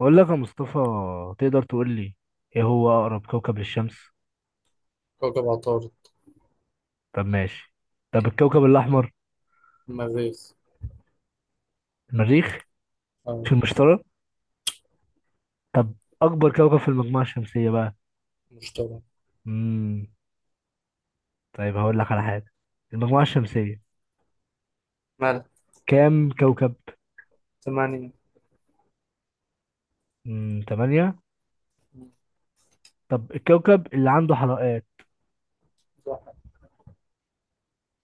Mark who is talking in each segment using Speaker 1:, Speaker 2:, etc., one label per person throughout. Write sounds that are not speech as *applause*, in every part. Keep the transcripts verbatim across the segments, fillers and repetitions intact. Speaker 1: بقول لك يا مصطفى، تقدر تقول لي: ايه هو اقرب كوكب للشمس؟
Speaker 2: كوكب عطارد.
Speaker 1: طب ماشي. طب الكوكب الاحمر؟
Speaker 2: المريخ.
Speaker 1: المريخ.
Speaker 2: آه.
Speaker 1: في المشتري. طب اكبر كوكب في المجموعه الشمسيه بقى؟
Speaker 2: المشتري.
Speaker 1: امم طيب هقول لك على حاجه. المجموعه الشمسيه
Speaker 2: مال.
Speaker 1: كام كوكب؟
Speaker 2: ثمانية.
Speaker 1: امم ثمانية. طب الكوكب اللي عنده حلقات؟
Speaker 2: زحل.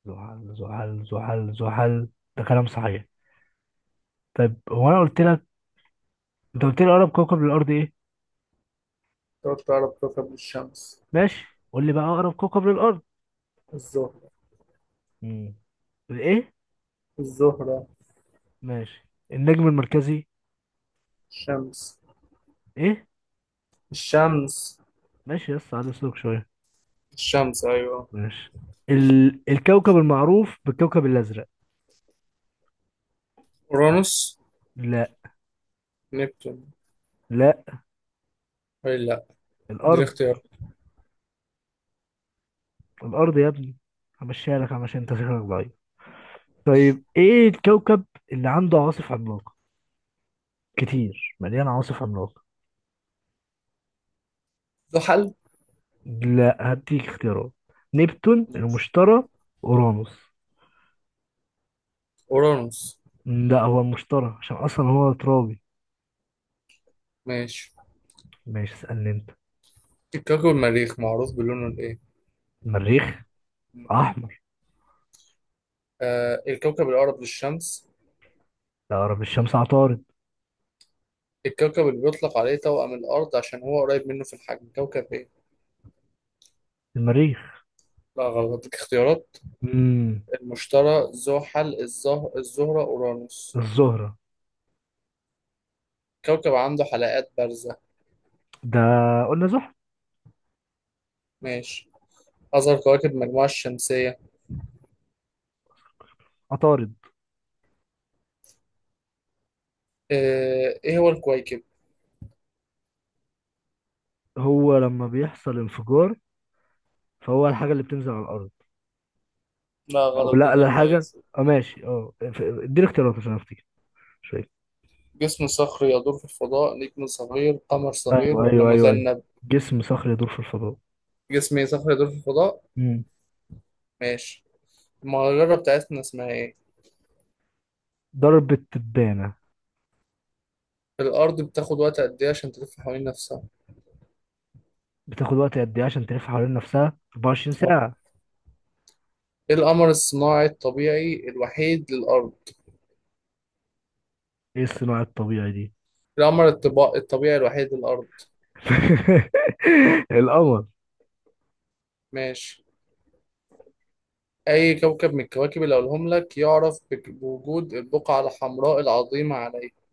Speaker 1: زحل زحل زحل زحل، ده كلام صحيح. طيب، هو انا قلت لك انت قلت لي اقرب كوكب للارض ايه؟
Speaker 2: تلات أقرب كوكب للشمس.
Speaker 1: ماشي. قول لي بقى اقرب كوكب للارض.
Speaker 2: الزهرة.
Speaker 1: امم ايه؟
Speaker 2: الزهرة.
Speaker 1: ماشي. النجم المركزي؟
Speaker 2: الشمس.
Speaker 1: ايه؟
Speaker 2: الشمس.
Speaker 1: ماشي يس على اسلوب شويه.
Speaker 2: الشمس أيوة.
Speaker 1: ماشي. ال... الكوكب المعروف بالكوكب الازرق؟
Speaker 2: أورانوس.
Speaker 1: لا.
Speaker 2: نبتون.
Speaker 1: لا.
Speaker 2: أي لأ. دي
Speaker 1: الارض.
Speaker 2: اختيار.
Speaker 1: الارض يا ابني، همشيها لك عشان انت شكلك ضعيف. طيب، ايه الكوكب اللي عنده عواصف عملاقه كتير، مليان عواصف عملاقه؟
Speaker 2: زحل.
Speaker 1: لا، هديك اختيارات: نبتون،
Speaker 2: ماشي.
Speaker 1: المشتري، اورانوس.
Speaker 2: أورانوس.
Speaker 1: لا، هو المشتري عشان اصلا هو ترابي.
Speaker 2: ماشي.
Speaker 1: ماشي، اسالني انت.
Speaker 2: الكوكب المريخ معروف بلونه الإيه؟
Speaker 1: المريخ، احمر.
Speaker 2: آه الكوكب الأقرب للشمس.
Speaker 1: لا، اقرب الشمس عطارد.
Speaker 2: الكوكب اللي بيطلق عليه توأم الأرض عشان هو قريب منه في الحجم كوكب إيه؟
Speaker 1: المريخ.
Speaker 2: لا غلط، اديك اختيارات.
Speaker 1: امم
Speaker 2: المشتري، زحل، الزه... الزهرة، أورانوس.
Speaker 1: الزهرة.
Speaker 2: كوكب عنده حلقات بارزة.
Speaker 1: ده، قلنا زحل.
Speaker 2: ماشي. أصغر كواكب المجموعة الشمسية.
Speaker 1: عطارد.
Speaker 2: آه، إيه هو الكويكب؟
Speaker 1: هو لما بيحصل انفجار، فهو الحاجة اللي بتنزل على الأرض.
Speaker 2: لا
Speaker 1: أو
Speaker 2: غلط، ده
Speaker 1: لا
Speaker 2: ده
Speaker 1: لا حاجة.
Speaker 2: النايس.
Speaker 1: أه ماشي أه ف- اديني اختيارات عشان أفتكر شوية.
Speaker 2: جسم صخري يدور في الفضاء، نجم صغير، قمر صغير،
Speaker 1: أيوه
Speaker 2: ولا
Speaker 1: أيوه أيوه أيوه،
Speaker 2: مذنب؟
Speaker 1: جسم صخري يدور في الفضاء.
Speaker 2: جسم صخري يدور في الفضاء.
Speaker 1: مم.
Speaker 2: ماشي. المجرة بتاعتنا اسمها إيه؟
Speaker 1: ضربة تبانة.
Speaker 2: الأرض بتاخد وقت قد إيه عشان تلف حوالين نفسها؟
Speaker 1: بتاخد وقت قد إيه عشان تلف حوالين نفسها؟ 24
Speaker 2: آه.
Speaker 1: ساعة.
Speaker 2: إيه القمر الصناعي الطبيعي الوحيد للأرض؟
Speaker 1: إيه الصناعة الطبيعي دي؟
Speaker 2: القمر الطبا- الطبيعي الوحيد للأرض.
Speaker 1: *laughs* القمر.
Speaker 2: ماشي. أي كوكب من الكواكب اللي أقولهم لك يعرف بك- بوجود البقعة الحمراء العظيمة عليه؟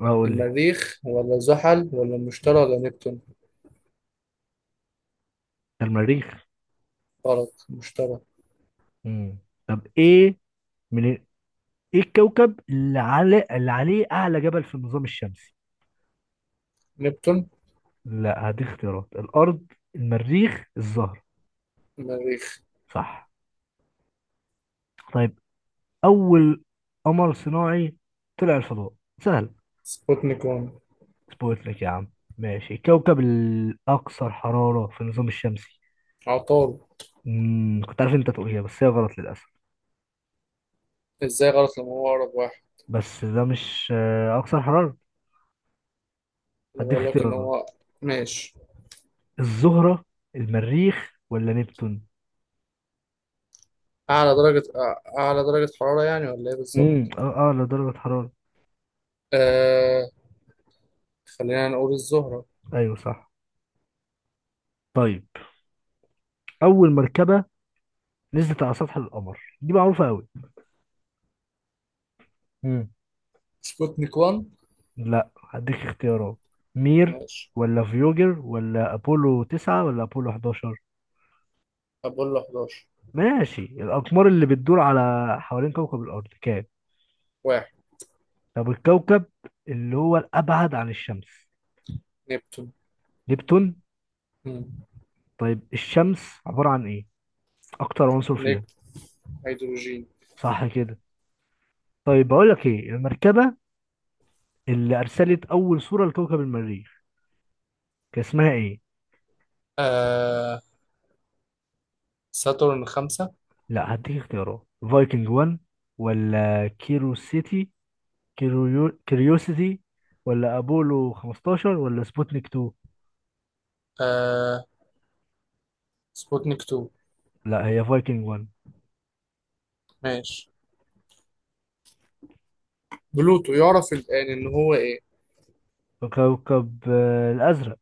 Speaker 1: هقول لي.
Speaker 2: المريخ ولا زحل ولا المشتري ولا نبتون؟
Speaker 1: ده المريخ.
Speaker 2: غلط، المشتري.
Speaker 1: مم. طب إيه؟ من إيه الكوكب اللي على اللي عليه أعلى جبل في النظام الشمسي؟
Speaker 2: نبتون.
Speaker 1: لا، هديك اختيارات: الأرض، المريخ، الزهرة.
Speaker 2: المريخ.
Speaker 1: صح. طيب، أول قمر صناعي طلع الفضاء، سهل.
Speaker 2: سبوتنيك واحد.
Speaker 1: سبوتنيك يا عم. ماشي. الكوكب الأكثر حرارة في النظام الشمسي؟
Speaker 2: عطارد.
Speaker 1: مم. كنت عارف أنت تقولها بس هي غلط للأسف.
Speaker 2: إزاي غلط لما هو أقرب واحد؟
Speaker 1: بس ده مش آه، أكثر حرارة.
Speaker 2: أنا
Speaker 1: هديك
Speaker 2: بقول لك إن
Speaker 1: اختيارات:
Speaker 2: هو. ماشي.
Speaker 1: الزهرة، المريخ، ولا نبتون؟
Speaker 2: أعلى درجة أع- أعلى درجة حرارة يعني، ولا إيه
Speaker 1: امم
Speaker 2: بالظبط؟
Speaker 1: اه اه لدرجة حرارة.
Speaker 2: آه. خلينا نقول الزهرة.
Speaker 1: ايوه صح. طيب، أول مركبة نزلت على سطح القمر دي معروفة أوي.
Speaker 2: سبوتنيك واحد.
Speaker 1: لا، هديك اختيارات: مير،
Speaker 2: ماشي.
Speaker 1: ولا فيوجر، ولا أبولو تسعة، ولا أبولو إحداشر.
Speaker 2: أبولو إحدى عشر.
Speaker 1: ماشي. الأقمار اللي بتدور على حوالين كوكب الأرض كام؟
Speaker 2: واحد.
Speaker 1: طب الكوكب اللي هو الأبعد عن الشمس؟
Speaker 2: نبتون.
Speaker 1: نبتون.
Speaker 2: مم.
Speaker 1: طيب، الشمس عبارة عن إيه؟ أكتر عنصر
Speaker 2: نجم.
Speaker 1: فيها؟
Speaker 2: هيدروجين.
Speaker 1: صح كده. طيب بقول لك، إيه المركبة اللي أرسلت أول صورة لكوكب المريخ، كان اسمها إيه؟
Speaker 2: آه. ساتورن خمسة.
Speaker 1: لا، هديك اختيارات: فايكنج واحد، ولا كيرو سيتي كيوريوسيتي، ولا ابولو خمستاشر، ولا سبوتنيك اتنين.
Speaker 2: آه سبوتنيك اتنين.
Speaker 1: لا، هي فايكنج واحد.
Speaker 2: ماشي. بلوتو يعرف الآن إن هو إيه؟
Speaker 1: كوكب آه، الازرق.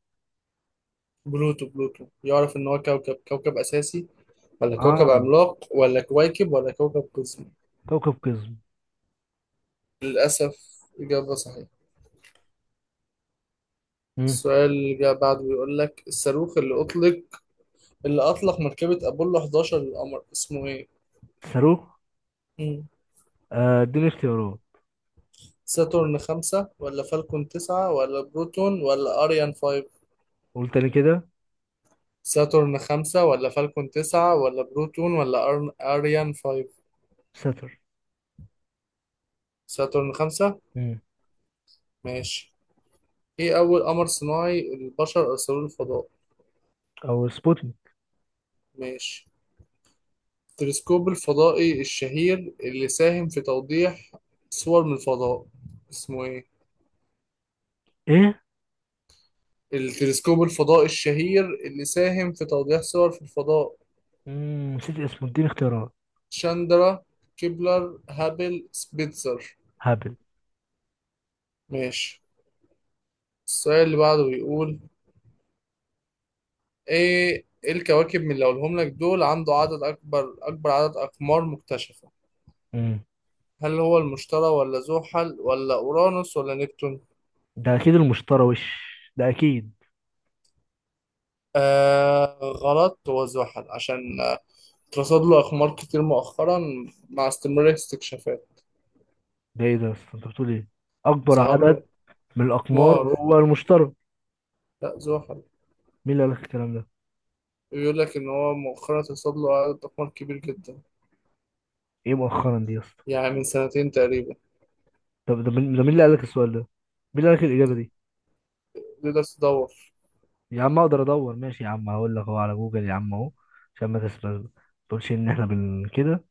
Speaker 2: بلوتو بلوتو يعرف إن هو كوكب كوكب أساسي، ولا
Speaker 1: اه،
Speaker 2: كوكب عملاق، ولا كويكب، ولا كوكب قزمي؟
Speaker 1: كوكب قزم.
Speaker 2: للأسف إجابة صحيحة.
Speaker 1: مم.
Speaker 2: السؤال اللي جاء بعده بيقول لك الصاروخ اللي أطلق، اللي أطلق مركبة أبولو حداشر للقمر اسمه إيه؟
Speaker 1: صاروخ.
Speaker 2: مم.
Speaker 1: آه، اديني اختيارات.
Speaker 2: ساتورن خمسة، ولا فالكون تسعة، ولا بروتون، ولا أريان فايف.
Speaker 1: قول تاني كده.
Speaker 2: ساتورن خمسة، ولا فالكون تسعة، ولا بروتون، ولا أر- أريان فايف.
Speaker 1: ساتر.
Speaker 2: ساترن خمسة.
Speaker 1: مم.
Speaker 2: ماشي. ايه أول قمر صناعي البشر أرسلوه الفضاء؟
Speaker 1: او سبوتنيك.
Speaker 2: ماشي. التلسكوب الفضائي الشهير اللي ساهم في توضيح صور من الفضاء اسمه ايه؟
Speaker 1: ايه؟
Speaker 2: التلسكوب الفضائي الشهير اللي ساهم في توضيح صور في الفضاء.
Speaker 1: مم. نسيت اسمه، اديني اختيارات.
Speaker 2: شاندرا، كيبلر، هابل، سبيتزر.
Speaker 1: هابل.
Speaker 2: ماشي. السؤال اللي بعده بيقول ايه، إيه الكواكب من اللي هقولهم لك دول عنده عدد أكبر أكبر عدد أقمار مكتشفة؟
Speaker 1: مم.
Speaker 2: هل هو المشتري، ولا زحل، ولا أورانوس، ولا نبتون؟
Speaker 1: ده اكيد المشتري وش، ده اكيد.
Speaker 2: آه غلط، هو زحل عشان آه، اترصد له أقمار كتير مؤخرا مع استمرار الاستكشافات.
Speaker 1: ده ايه ده يا اسطى؟ انت بتقول ايه؟ اكبر
Speaker 2: ظهر له
Speaker 1: عدد من الاقمار
Speaker 2: أقمار.
Speaker 1: هو المشتري.
Speaker 2: لا زحل.
Speaker 1: مين اللي قال لك الكلام ده؟
Speaker 2: بيقول لك إن هو مؤخرا اترصد له عدد أقمار كبير جدا.
Speaker 1: ايه مؤخرا دي يا اسطى؟
Speaker 2: يعني من سنتين تقريبا.
Speaker 1: طب ده مين؟ ده مين اللي قال لك السؤال ده؟ مين اللي قال لك الاجابه دي؟
Speaker 2: تقدر تدور.
Speaker 1: يا عم، اقدر ادور. ماشي يا عم، هقول لك اهو على جوجل يا عم، اهو عشان ما تسرقش، ما تقولش ان احنا بن كده.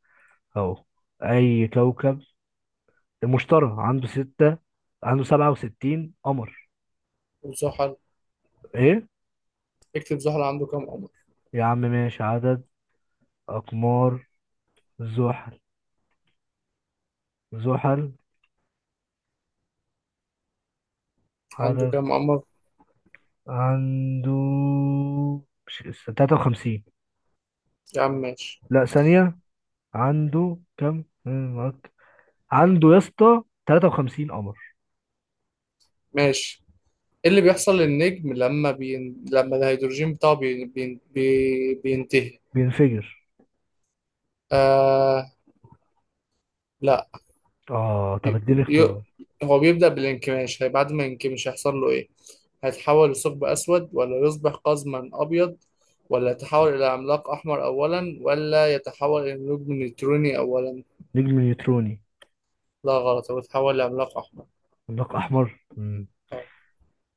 Speaker 1: اهو. اي كوكب المشتري عنده ستة، عنده سبعة وستين قمر.
Speaker 2: وزحل.
Speaker 1: ايه؟
Speaker 2: اكتب زحل عنده كام قمر.
Speaker 1: يا عم ماشي. عدد اقمار زحل. زحل،
Speaker 2: عنده
Speaker 1: عدد.
Speaker 2: كام قمر.
Speaker 1: عنده، مش ثلاثة وخمسين؟
Speaker 2: يا عم ماشي.
Speaker 1: لا، ثانية. عنده كم؟ عنده يا اسطى 53 قمر.
Speaker 2: ماشي. ايه اللي بيحصل للنجم لما بين... لما الهيدروجين بتاعه بين... بين... بي- بينتهي؟
Speaker 1: بينفجر.
Speaker 2: آه. لا.
Speaker 1: اه، طب
Speaker 2: ي...
Speaker 1: اديني
Speaker 2: ي...
Speaker 1: اختيارات.
Speaker 2: هو بيبدأ بالانكماش، هي بعد ما ينكمش هيحصل له ايه؟ هيتحول لثقب اسود، ولا يصبح قزما ابيض، ولا يتحول الى عملاق احمر اولا، ولا يتحول الى نجم نيوتروني اولا؟
Speaker 1: نجم نيوتروني.
Speaker 2: لا غلط، هو يتحول لعملاق احمر.
Speaker 1: عملاق احمر. مم.
Speaker 2: آه،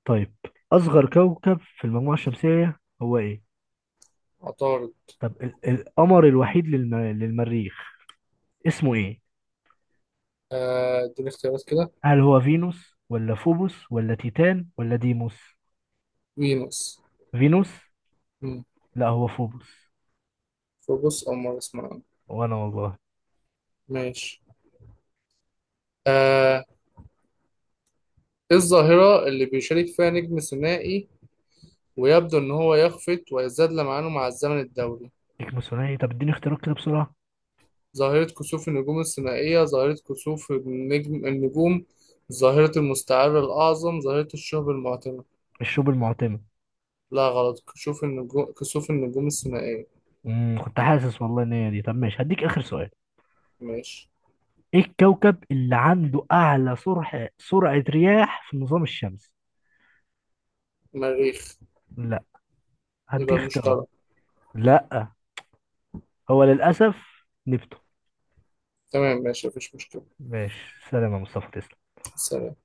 Speaker 1: طيب، اصغر كوكب في المجموعه الشمسيه هو ايه؟
Speaker 2: عطارد.
Speaker 1: طب ال- القمر الوحيد للم... للمريخ اسمه ايه؟
Speaker 2: آه، اديني اختيارات كده.
Speaker 1: هل هو فينوس، ولا فوبوس، ولا تيتان، ولا ديموس؟
Speaker 2: فينوس.
Speaker 1: فينوس.
Speaker 2: مم.
Speaker 1: لا، هو فوبوس.
Speaker 2: فوبوس او مارس معانا.
Speaker 1: وانا والله.
Speaker 2: ماشي. آه، ايه الظاهرة اللي بيشارك فيها نجم ثنائي ويبدو ان هو يخفت ويزداد لمعانه مع الزمن الدوري؟
Speaker 1: ديك ثنائي، طب اديني اختيارات كده بسرعه.
Speaker 2: ظاهرة كسوف النجوم الثنائية، ظاهرة كسوف النجم النجوم، ظاهرة المستعر الأعظم، ظاهرة الشهب المعتمة.
Speaker 1: الشوب المعتمه.
Speaker 2: لا غلط، كسوف النجوم كسوف النجوم الثنائية.
Speaker 1: امم كنت حاسس والله ان هي دي. طب ماشي، هديك اخر سؤال.
Speaker 2: ماشي.
Speaker 1: ايه الكوكب اللي عنده اعلى سرعه سرعه رياح في النظام الشمسي؟
Speaker 2: مريخ.
Speaker 1: لا، هدي
Speaker 2: يبقى
Speaker 1: اختيارات.
Speaker 2: المشتري.
Speaker 1: لا، هو للأسف نبته.
Speaker 2: تمام ماشي مفيش مشكلة.
Speaker 1: ماشي، سلام يا مصطفى، تسلم.
Speaker 2: سلام.